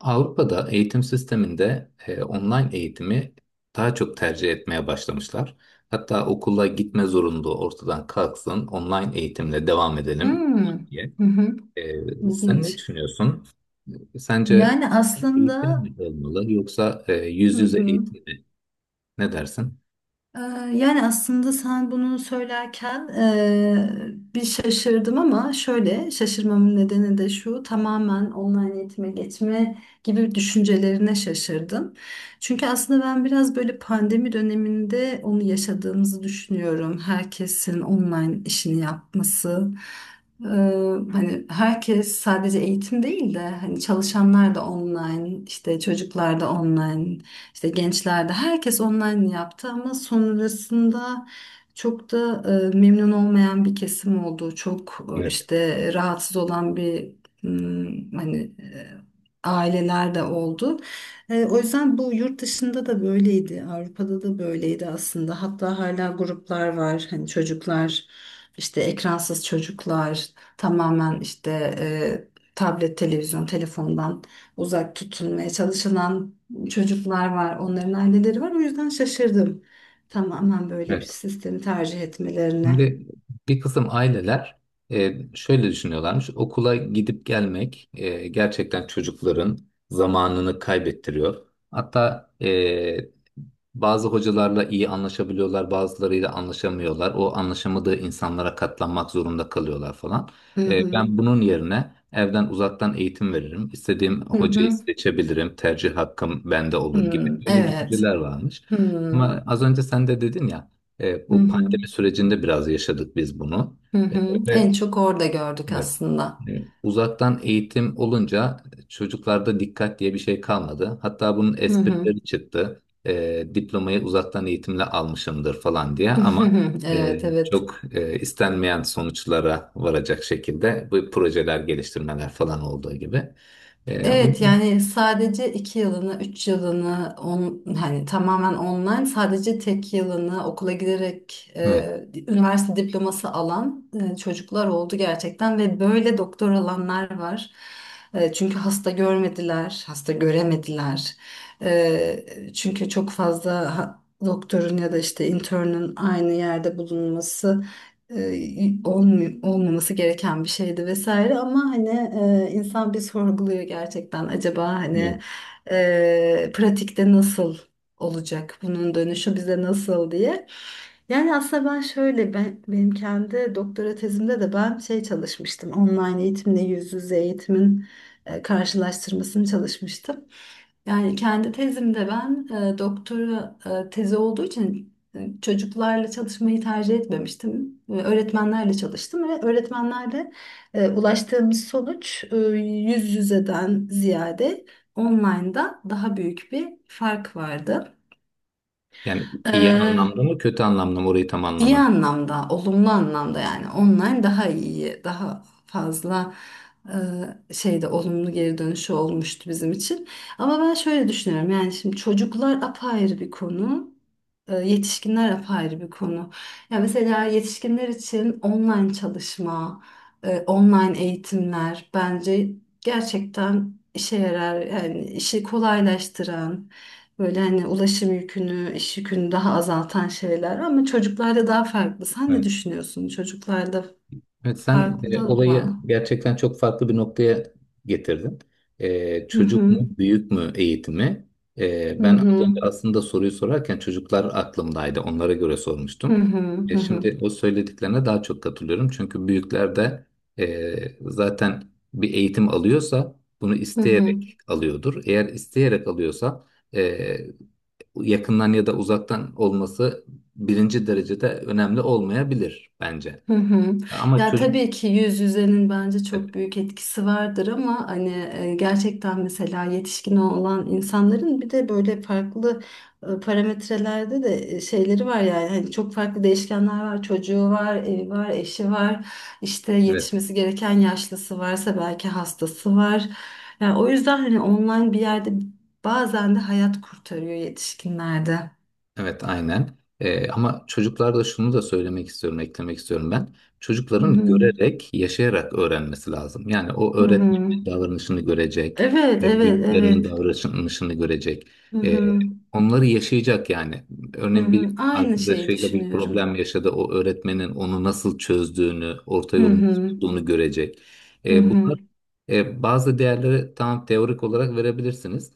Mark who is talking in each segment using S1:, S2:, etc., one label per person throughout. S1: Avrupa'da eğitim sisteminde online eğitimi daha çok tercih etmeye başlamışlar. Hatta okula gitme zorunluluğu ortadan kalksın, online eğitimle devam edelim
S2: Hmm.
S1: diye.
S2: Hı hı.
S1: Sen ne
S2: İlginç.
S1: düşünüyorsun? Sence
S2: Yani
S1: eğitim
S2: aslında.
S1: mi olmalı yoksa yüz
S2: Hı
S1: yüze
S2: hı.
S1: eğitim mi? Ne dersin?
S2: Ee, Yani aslında sen bunu söylerken bir şaşırdım ama şöyle şaşırmamın nedeni de şu, tamamen online eğitime geçme gibi düşüncelerine şaşırdım. Çünkü aslında ben biraz böyle pandemi döneminde onu yaşadığımızı düşünüyorum. Herkesin online işini yapması. Ee, hani herkes sadece eğitim değil de hani çalışanlar da online, işte çocuklar da online, işte gençlerde herkes online yaptı ama sonrasında çok da memnun olmayan bir kesim oldu. Çok
S1: Evet.
S2: işte rahatsız olan bir, hmm, hani e, aileler de oldu. O yüzden bu yurt dışında da böyleydi. Avrupa'da da böyleydi aslında. Hatta hala gruplar var. Hani çocuklar, işte ekransız çocuklar, tamamen işte, e, tablet, televizyon, telefondan uzak tutulmaya çalışılan çocuklar var, onların aileleri var. O yüzden şaşırdım. Tamamen böyle bir
S1: Evet.
S2: sistemi tercih etmelerine.
S1: Şimdi bir kısım aileler, şöyle düşünüyorlarmış. Okula gidip gelmek gerçekten çocukların zamanını kaybettiriyor. Hatta bazı hocalarla iyi anlaşabiliyorlar, bazılarıyla anlaşamıyorlar. O anlaşamadığı insanlara katlanmak zorunda kalıyorlar falan.
S2: Hı hı.
S1: Ben bunun yerine evden uzaktan eğitim veririm. İstediğim
S2: Hı
S1: hocayı
S2: hı.
S1: seçebilirim. Tercih hakkım bende olur gibi
S2: Hmm,
S1: böyle
S2: evet.
S1: düşünceler varmış.
S2: Hı hı.
S1: Ama az önce sen de dedin ya, bu pandemi sürecinde biraz yaşadık biz bunu.
S2: Hı
S1: E,
S2: hı. En
S1: ve-
S2: çok orada gördük
S1: Evet.
S2: aslında.
S1: Uzaktan eğitim olunca çocuklarda dikkat diye bir şey kalmadı. Hatta bunun
S2: Hı hı.
S1: esprileri çıktı. Diplomayı uzaktan eğitimle almışımdır falan diye ama
S2: Evet, evet.
S1: çok istenmeyen sonuçlara varacak şekilde bu projeler geliştirmeler falan olduğu gibi. O
S2: Evet,
S1: yüzden
S2: yani sadece iki yılını, üç yılını on, hani tamamen online, sadece tek yılını okula giderek
S1: evet,
S2: üniversite diploması alan çocuklar oldu gerçekten ve böyle doktor alanlar var. Çünkü hasta görmediler, hasta göremediler. Çünkü çok fazla doktorun ya da işte internün aynı yerde bulunması, e, olmaması gereken bir şeydi vesaire ama hani insan bir sorguluyor gerçekten, acaba hani
S1: evet.
S2: pratikte nasıl olacak, bunun dönüşü bize nasıl diye. Yani aslında ben şöyle, benim kendi doktora tezimde de ben şey çalışmıştım, online eğitimle yüz yüze eğitimin karşılaştırmasını çalışmıştım. Yani kendi tezimde ben doktora tezi olduğu için çocuklarla çalışmayı tercih etmemiştim. E, öğretmenlerle çalıştım ve öğretmenlerle ulaştığımız sonuç, yüz yüzeden ziyade online'da daha büyük bir fark vardı.
S1: Yani iyi
S2: E,
S1: anlamda mı kötü anlamda mı orayı tam
S2: İyi
S1: anlamadım.
S2: anlamda, olumlu anlamda, yani online daha iyi, daha fazla şeyde olumlu geri dönüşü olmuştu bizim için. Ama ben şöyle düşünüyorum, yani şimdi çocuklar apayrı bir konu, yetişkinler apayrı bir konu. Ya mesela yetişkinler için online çalışma, online eğitimler bence gerçekten işe yarar, yani işi kolaylaştıran. Böyle hani ulaşım yükünü, iş yükünü daha azaltan şeyler, ama çocuklarda daha farklı. Sen ne
S1: Evet.
S2: düşünüyorsun? Çocuklarda
S1: Evet, sen
S2: farklı
S1: olayı
S2: mı?
S1: gerçekten çok farklı bir noktaya getirdin.
S2: Hı
S1: Çocuk mu,
S2: hı.
S1: büyük mü eğitimi?
S2: Hı
S1: Ben az
S2: hı.
S1: önce aslında soruyu sorarken çocuklar aklımdaydı. Onlara göre
S2: Hı
S1: sormuştum.
S2: hı. Hı hı.
S1: Şimdi o söylediklerine daha çok katılıyorum. Çünkü büyükler de zaten bir eğitim alıyorsa bunu
S2: Hı hı.
S1: isteyerek alıyordur. Eğer isteyerek alıyorsa e, yakından ya da uzaktan olması birinci derecede önemli olmayabilir bence.
S2: Hı hı.
S1: Ama
S2: Ya
S1: çocuk.
S2: tabii ki yüz yüzenin bence çok büyük etkisi vardır ama hani gerçekten mesela yetişkin olan insanların bir de böyle farklı parametrelerde de şeyleri var, yani hani çok farklı değişkenler var, çocuğu var, evi var, eşi var, işte
S1: Evet.
S2: yetişmesi gereken yaşlısı varsa, belki hastası var. Yani o yüzden hani online bir yerde bazen de hayat kurtarıyor yetişkinlerde.
S1: Evet aynen. Ama çocuklarda şunu da söylemek istiyorum, eklemek istiyorum ben.
S2: Hı
S1: Çocukların
S2: hı.
S1: görerek, yaşayarak öğrenmesi lazım. Yani o
S2: Hı hı.
S1: öğretmenin davranışını görecek,
S2: Evet, evet,
S1: büyüklerinin
S2: evet.
S1: davranışını görecek.
S2: Hı
S1: Ee,
S2: hı.
S1: onları yaşayacak yani.
S2: Hı
S1: Örneğin bir
S2: hı, aynı şeyi
S1: arkadaşıyla bir
S2: düşünüyorum.
S1: problem yaşadı. O öğretmenin onu nasıl çözdüğünü, orta
S2: Hı
S1: yolunu nasıl
S2: hı,
S1: bulduğunu görecek.
S2: hı hı,
S1: Bunlar bazı değerleri tamam teorik olarak verebilirsiniz.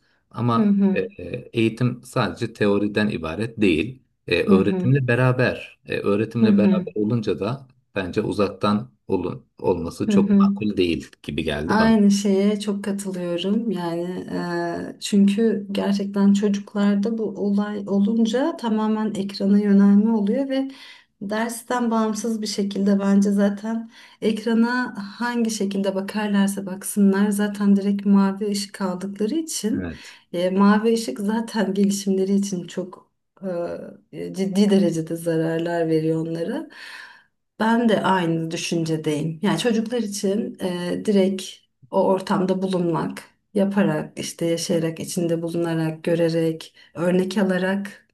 S2: hı
S1: Ama
S2: hı,
S1: E, eğitim sadece teoriden ibaret değil.
S2: hı hı,
S1: Öğretimle beraber, e,
S2: hı
S1: öğretimle beraber
S2: hı,
S1: olunca da bence uzaktan olması
S2: hı
S1: çok
S2: hı.
S1: makul değil gibi geldi bana.
S2: Aynı şeye çok katılıyorum, yani çünkü gerçekten çocuklarda bu olay olunca tamamen ekrana yönelme oluyor ve dersten bağımsız bir şekilde bence zaten ekrana hangi şekilde bakarlarsa baksınlar, zaten direkt mavi ışık aldıkları için,
S1: Evet.
S2: mavi ışık zaten gelişimleri için çok ciddi derecede zararlar veriyor onlara. Ben de aynı düşüncedeyim. Yani çocuklar için direkt o ortamda bulunmak, yaparak, işte yaşayarak, içinde bulunarak, görerek, örnek alarak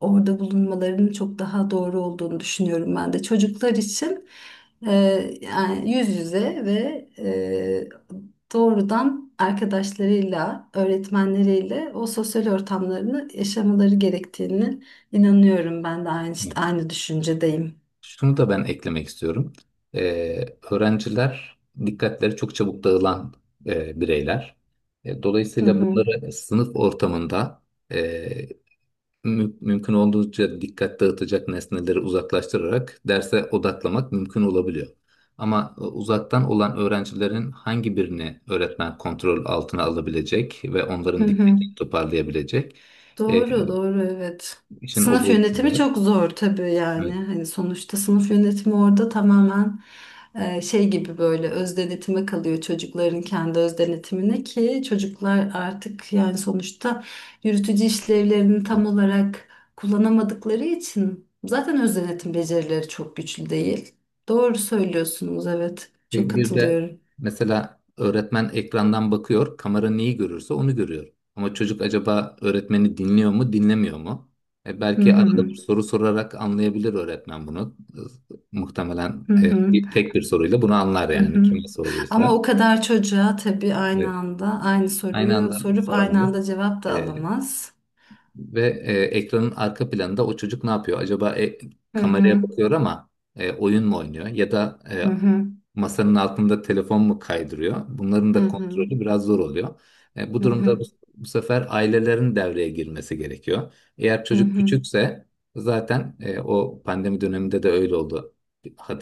S2: orada bulunmalarının çok daha doğru olduğunu düşünüyorum ben de. Çocuklar için e, yani yüz yüze ve e, doğrudan arkadaşlarıyla, öğretmenleriyle o sosyal ortamlarını yaşamaları gerektiğini inanıyorum ben de,
S1: Evet.
S2: aynı düşüncedeyim.
S1: Şunu da ben eklemek istiyorum. E, öğrenciler dikkatleri çok çabuk dağılan bireyler.
S2: Hı
S1: Dolayısıyla
S2: hı.
S1: bunları sınıf ortamında, e, mümkün olduğunca dikkat dağıtacak nesneleri uzaklaştırarak derse odaklamak mümkün olabiliyor. Ama uzaktan olan öğrencilerin hangi birini öğretmen kontrol altına alabilecek ve
S2: Hı
S1: onların
S2: hı.
S1: dikkatini toparlayabilecek, e,
S2: Doğru, doğru, evet.
S1: işin o
S2: Sınıf
S1: boyutu
S2: yönetimi
S1: var.
S2: çok zor tabii yani.
S1: Evet.
S2: Hani sonuçta sınıf yönetimi orada tamamen şey gibi, böyle öz denetime kalıyor, çocukların kendi öz denetimine, ki çocuklar artık yani sonuçta yürütücü işlevlerini tam olarak kullanamadıkları için zaten öz denetim becerileri çok güçlü değil. Doğru söylüyorsunuz, evet. Çok
S1: Bir de
S2: katılıyorum.
S1: mesela öğretmen ekrandan bakıyor, kamera neyi görürse onu görüyor. Ama çocuk acaba öğretmeni dinliyor mu, dinlemiyor mu? E
S2: Hı
S1: belki arada
S2: hı.
S1: bir soru sorarak anlayabilir öğretmen bunu. Muhtemelen
S2: Hı hı.
S1: tek bir soruyla bunu anlar
S2: Hı
S1: yani
S2: hı.
S1: kime
S2: Ama
S1: sorduysa.
S2: o kadar çocuğa tabii aynı
S1: Evet.
S2: anda aynı
S1: Aynı
S2: soruyu
S1: anda
S2: sorup aynı
S1: soramaz.
S2: anda cevap da
S1: E,
S2: alamaz.
S1: Ve ekranın arka planında o çocuk ne yapıyor? Acaba
S2: Hı
S1: kameraya
S2: hı.
S1: bakıyor ama oyun mu oynuyor? Ya da
S2: Hı hı.
S1: masanın altında telefon mu kaydırıyor? Bunların
S2: Hı
S1: da
S2: hı.
S1: kontrolü biraz zor oluyor. Bu
S2: Hı
S1: durumda
S2: hı.
S1: bu sefer ailelerin devreye girmesi gerekiyor. Eğer
S2: Hı
S1: çocuk
S2: hı.
S1: küçükse zaten, o pandemi döneminde de öyle oldu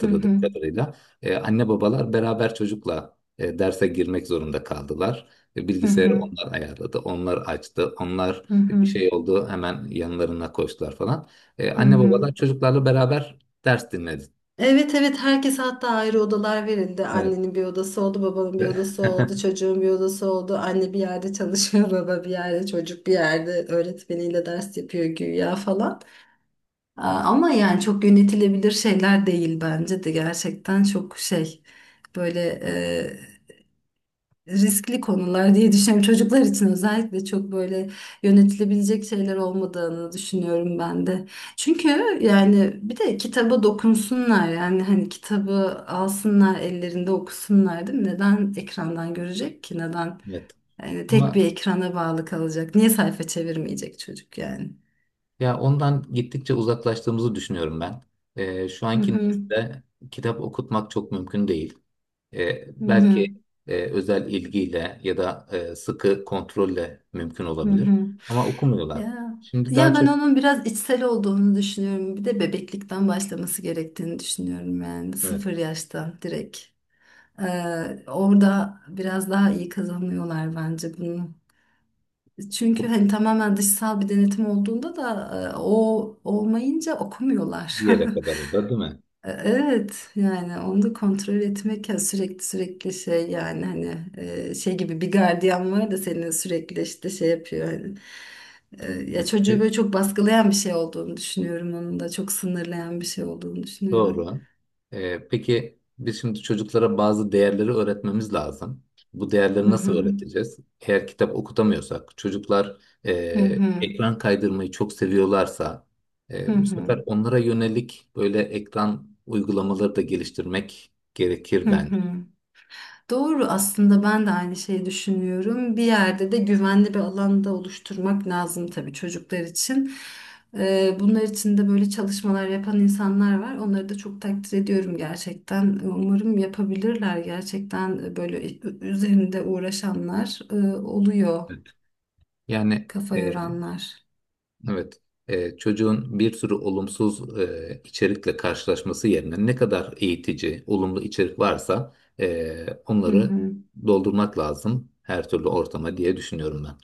S2: Hı hı.
S1: kadarıyla. Anne babalar beraber çocukla derse girmek zorunda kaldılar.
S2: Hı
S1: Bilgisayarı
S2: hı.
S1: onlar ayarladı, onlar açtı, onlar
S2: Hı
S1: bir
S2: hı.
S1: şey oldu hemen yanlarına koştular falan.
S2: Hı
S1: Anne
S2: hı.
S1: babalar çocuklarla beraber ders dinledi.
S2: Evet, evet, herkes hatta ayrı odalar verildi.
S1: Evet.
S2: Annenin bir odası oldu, babanın bir odası oldu, çocuğun bir odası oldu. Anne bir yerde çalışıyor, baba bir yerde, çocuk bir yerde öğretmeniyle ders yapıyor güya falan. Aa, ama yani çok yönetilebilir şeyler değil bence de, gerçekten çok şey, böyle riskli konular diye düşünüyorum. Çocuklar için özellikle çok böyle yönetilebilecek şeyler olmadığını düşünüyorum ben de. Çünkü yani bir de kitaba dokunsunlar, yani hani kitabı alsınlar ellerinde okusunlar, değil mi? Neden ekrandan görecek ki? Neden
S1: Evet.
S2: yani tek
S1: Ama
S2: bir ekrana bağlı kalacak? Niye sayfa çevirmeyecek çocuk yani?
S1: ya ondan gittikçe uzaklaştığımızı düşünüyorum ben. Şu
S2: Hı
S1: anki
S2: hı.
S1: nesilde kitap okutmak çok mümkün değil.
S2: Hı
S1: Belki
S2: hı.
S1: özel ilgiyle ya da sıkı kontrolle mümkün
S2: Hı
S1: olabilir.
S2: hı.
S1: Ama okumuyorlar.
S2: Ya,
S1: Şimdi daha
S2: ya ben
S1: çok
S2: onun biraz içsel olduğunu düşünüyorum. Bir de bebeklikten başlaması gerektiğini düşünüyorum, yani
S1: evet,
S2: sıfır yaştan direkt. Ee, orada biraz daha iyi kazanıyorlar bence bunu. Çünkü hani tamamen dışsal bir denetim olduğunda da o olmayınca
S1: bir
S2: okumuyorlar.
S1: yere kadar o da değil mi?
S2: Evet, yani onu da kontrol etmek, ya sürekli, şey, yani hani şey gibi bir gardiyan var da seni sürekli işte şey yapıyor hani. Ya çocuğu
S1: Evet.
S2: böyle çok baskılayan bir şey olduğunu düşünüyorum, onun da çok sınırlayan bir şey olduğunu düşünüyorum.
S1: Doğru. Peki biz şimdi çocuklara bazı değerleri öğretmemiz lazım. Bu
S2: Hı
S1: değerleri nasıl
S2: hı.
S1: öğreteceğiz? Eğer kitap okutamıyorsak, çocuklar e,
S2: Hı hı.
S1: ekran kaydırmayı çok seviyorlarsa,
S2: Hı
S1: bu
S2: hı.
S1: sefer onlara yönelik böyle ekran uygulamaları da geliştirmek gerekir
S2: Hı
S1: bence.
S2: hı. Doğru, aslında ben de aynı şeyi düşünüyorum. Bir yerde de güvenli bir alanda oluşturmak lazım tabii çocuklar için. Bunlar için de böyle çalışmalar yapan insanlar var. Onları da çok takdir ediyorum gerçekten. Umarım yapabilirler gerçekten, böyle üzerinde uğraşanlar oluyor,
S1: Yani
S2: kafa
S1: e,
S2: yoranlar.
S1: Evet. Çocuğun bir sürü olumsuz içerikle karşılaşması yerine ne kadar eğitici, olumlu içerik varsa,
S2: Hı
S1: onları
S2: hı.
S1: doldurmak lazım her türlü ortama diye düşünüyorum ben.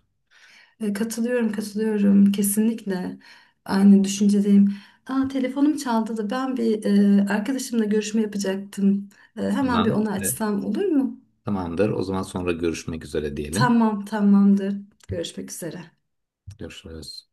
S2: E, katılıyorum, katılıyorum. Kesinlikle aynı düşüncedeyim. Aa, telefonum çaldı da ben bir arkadaşımla görüşme yapacaktım. E, hemen bir
S1: Tamam.
S2: onu açsam olur mu?
S1: Tamamdır. O zaman sonra görüşmek üzere diyelim.
S2: Tamam, tamamdır. Görüşmek üzere.
S1: Görüşürüz.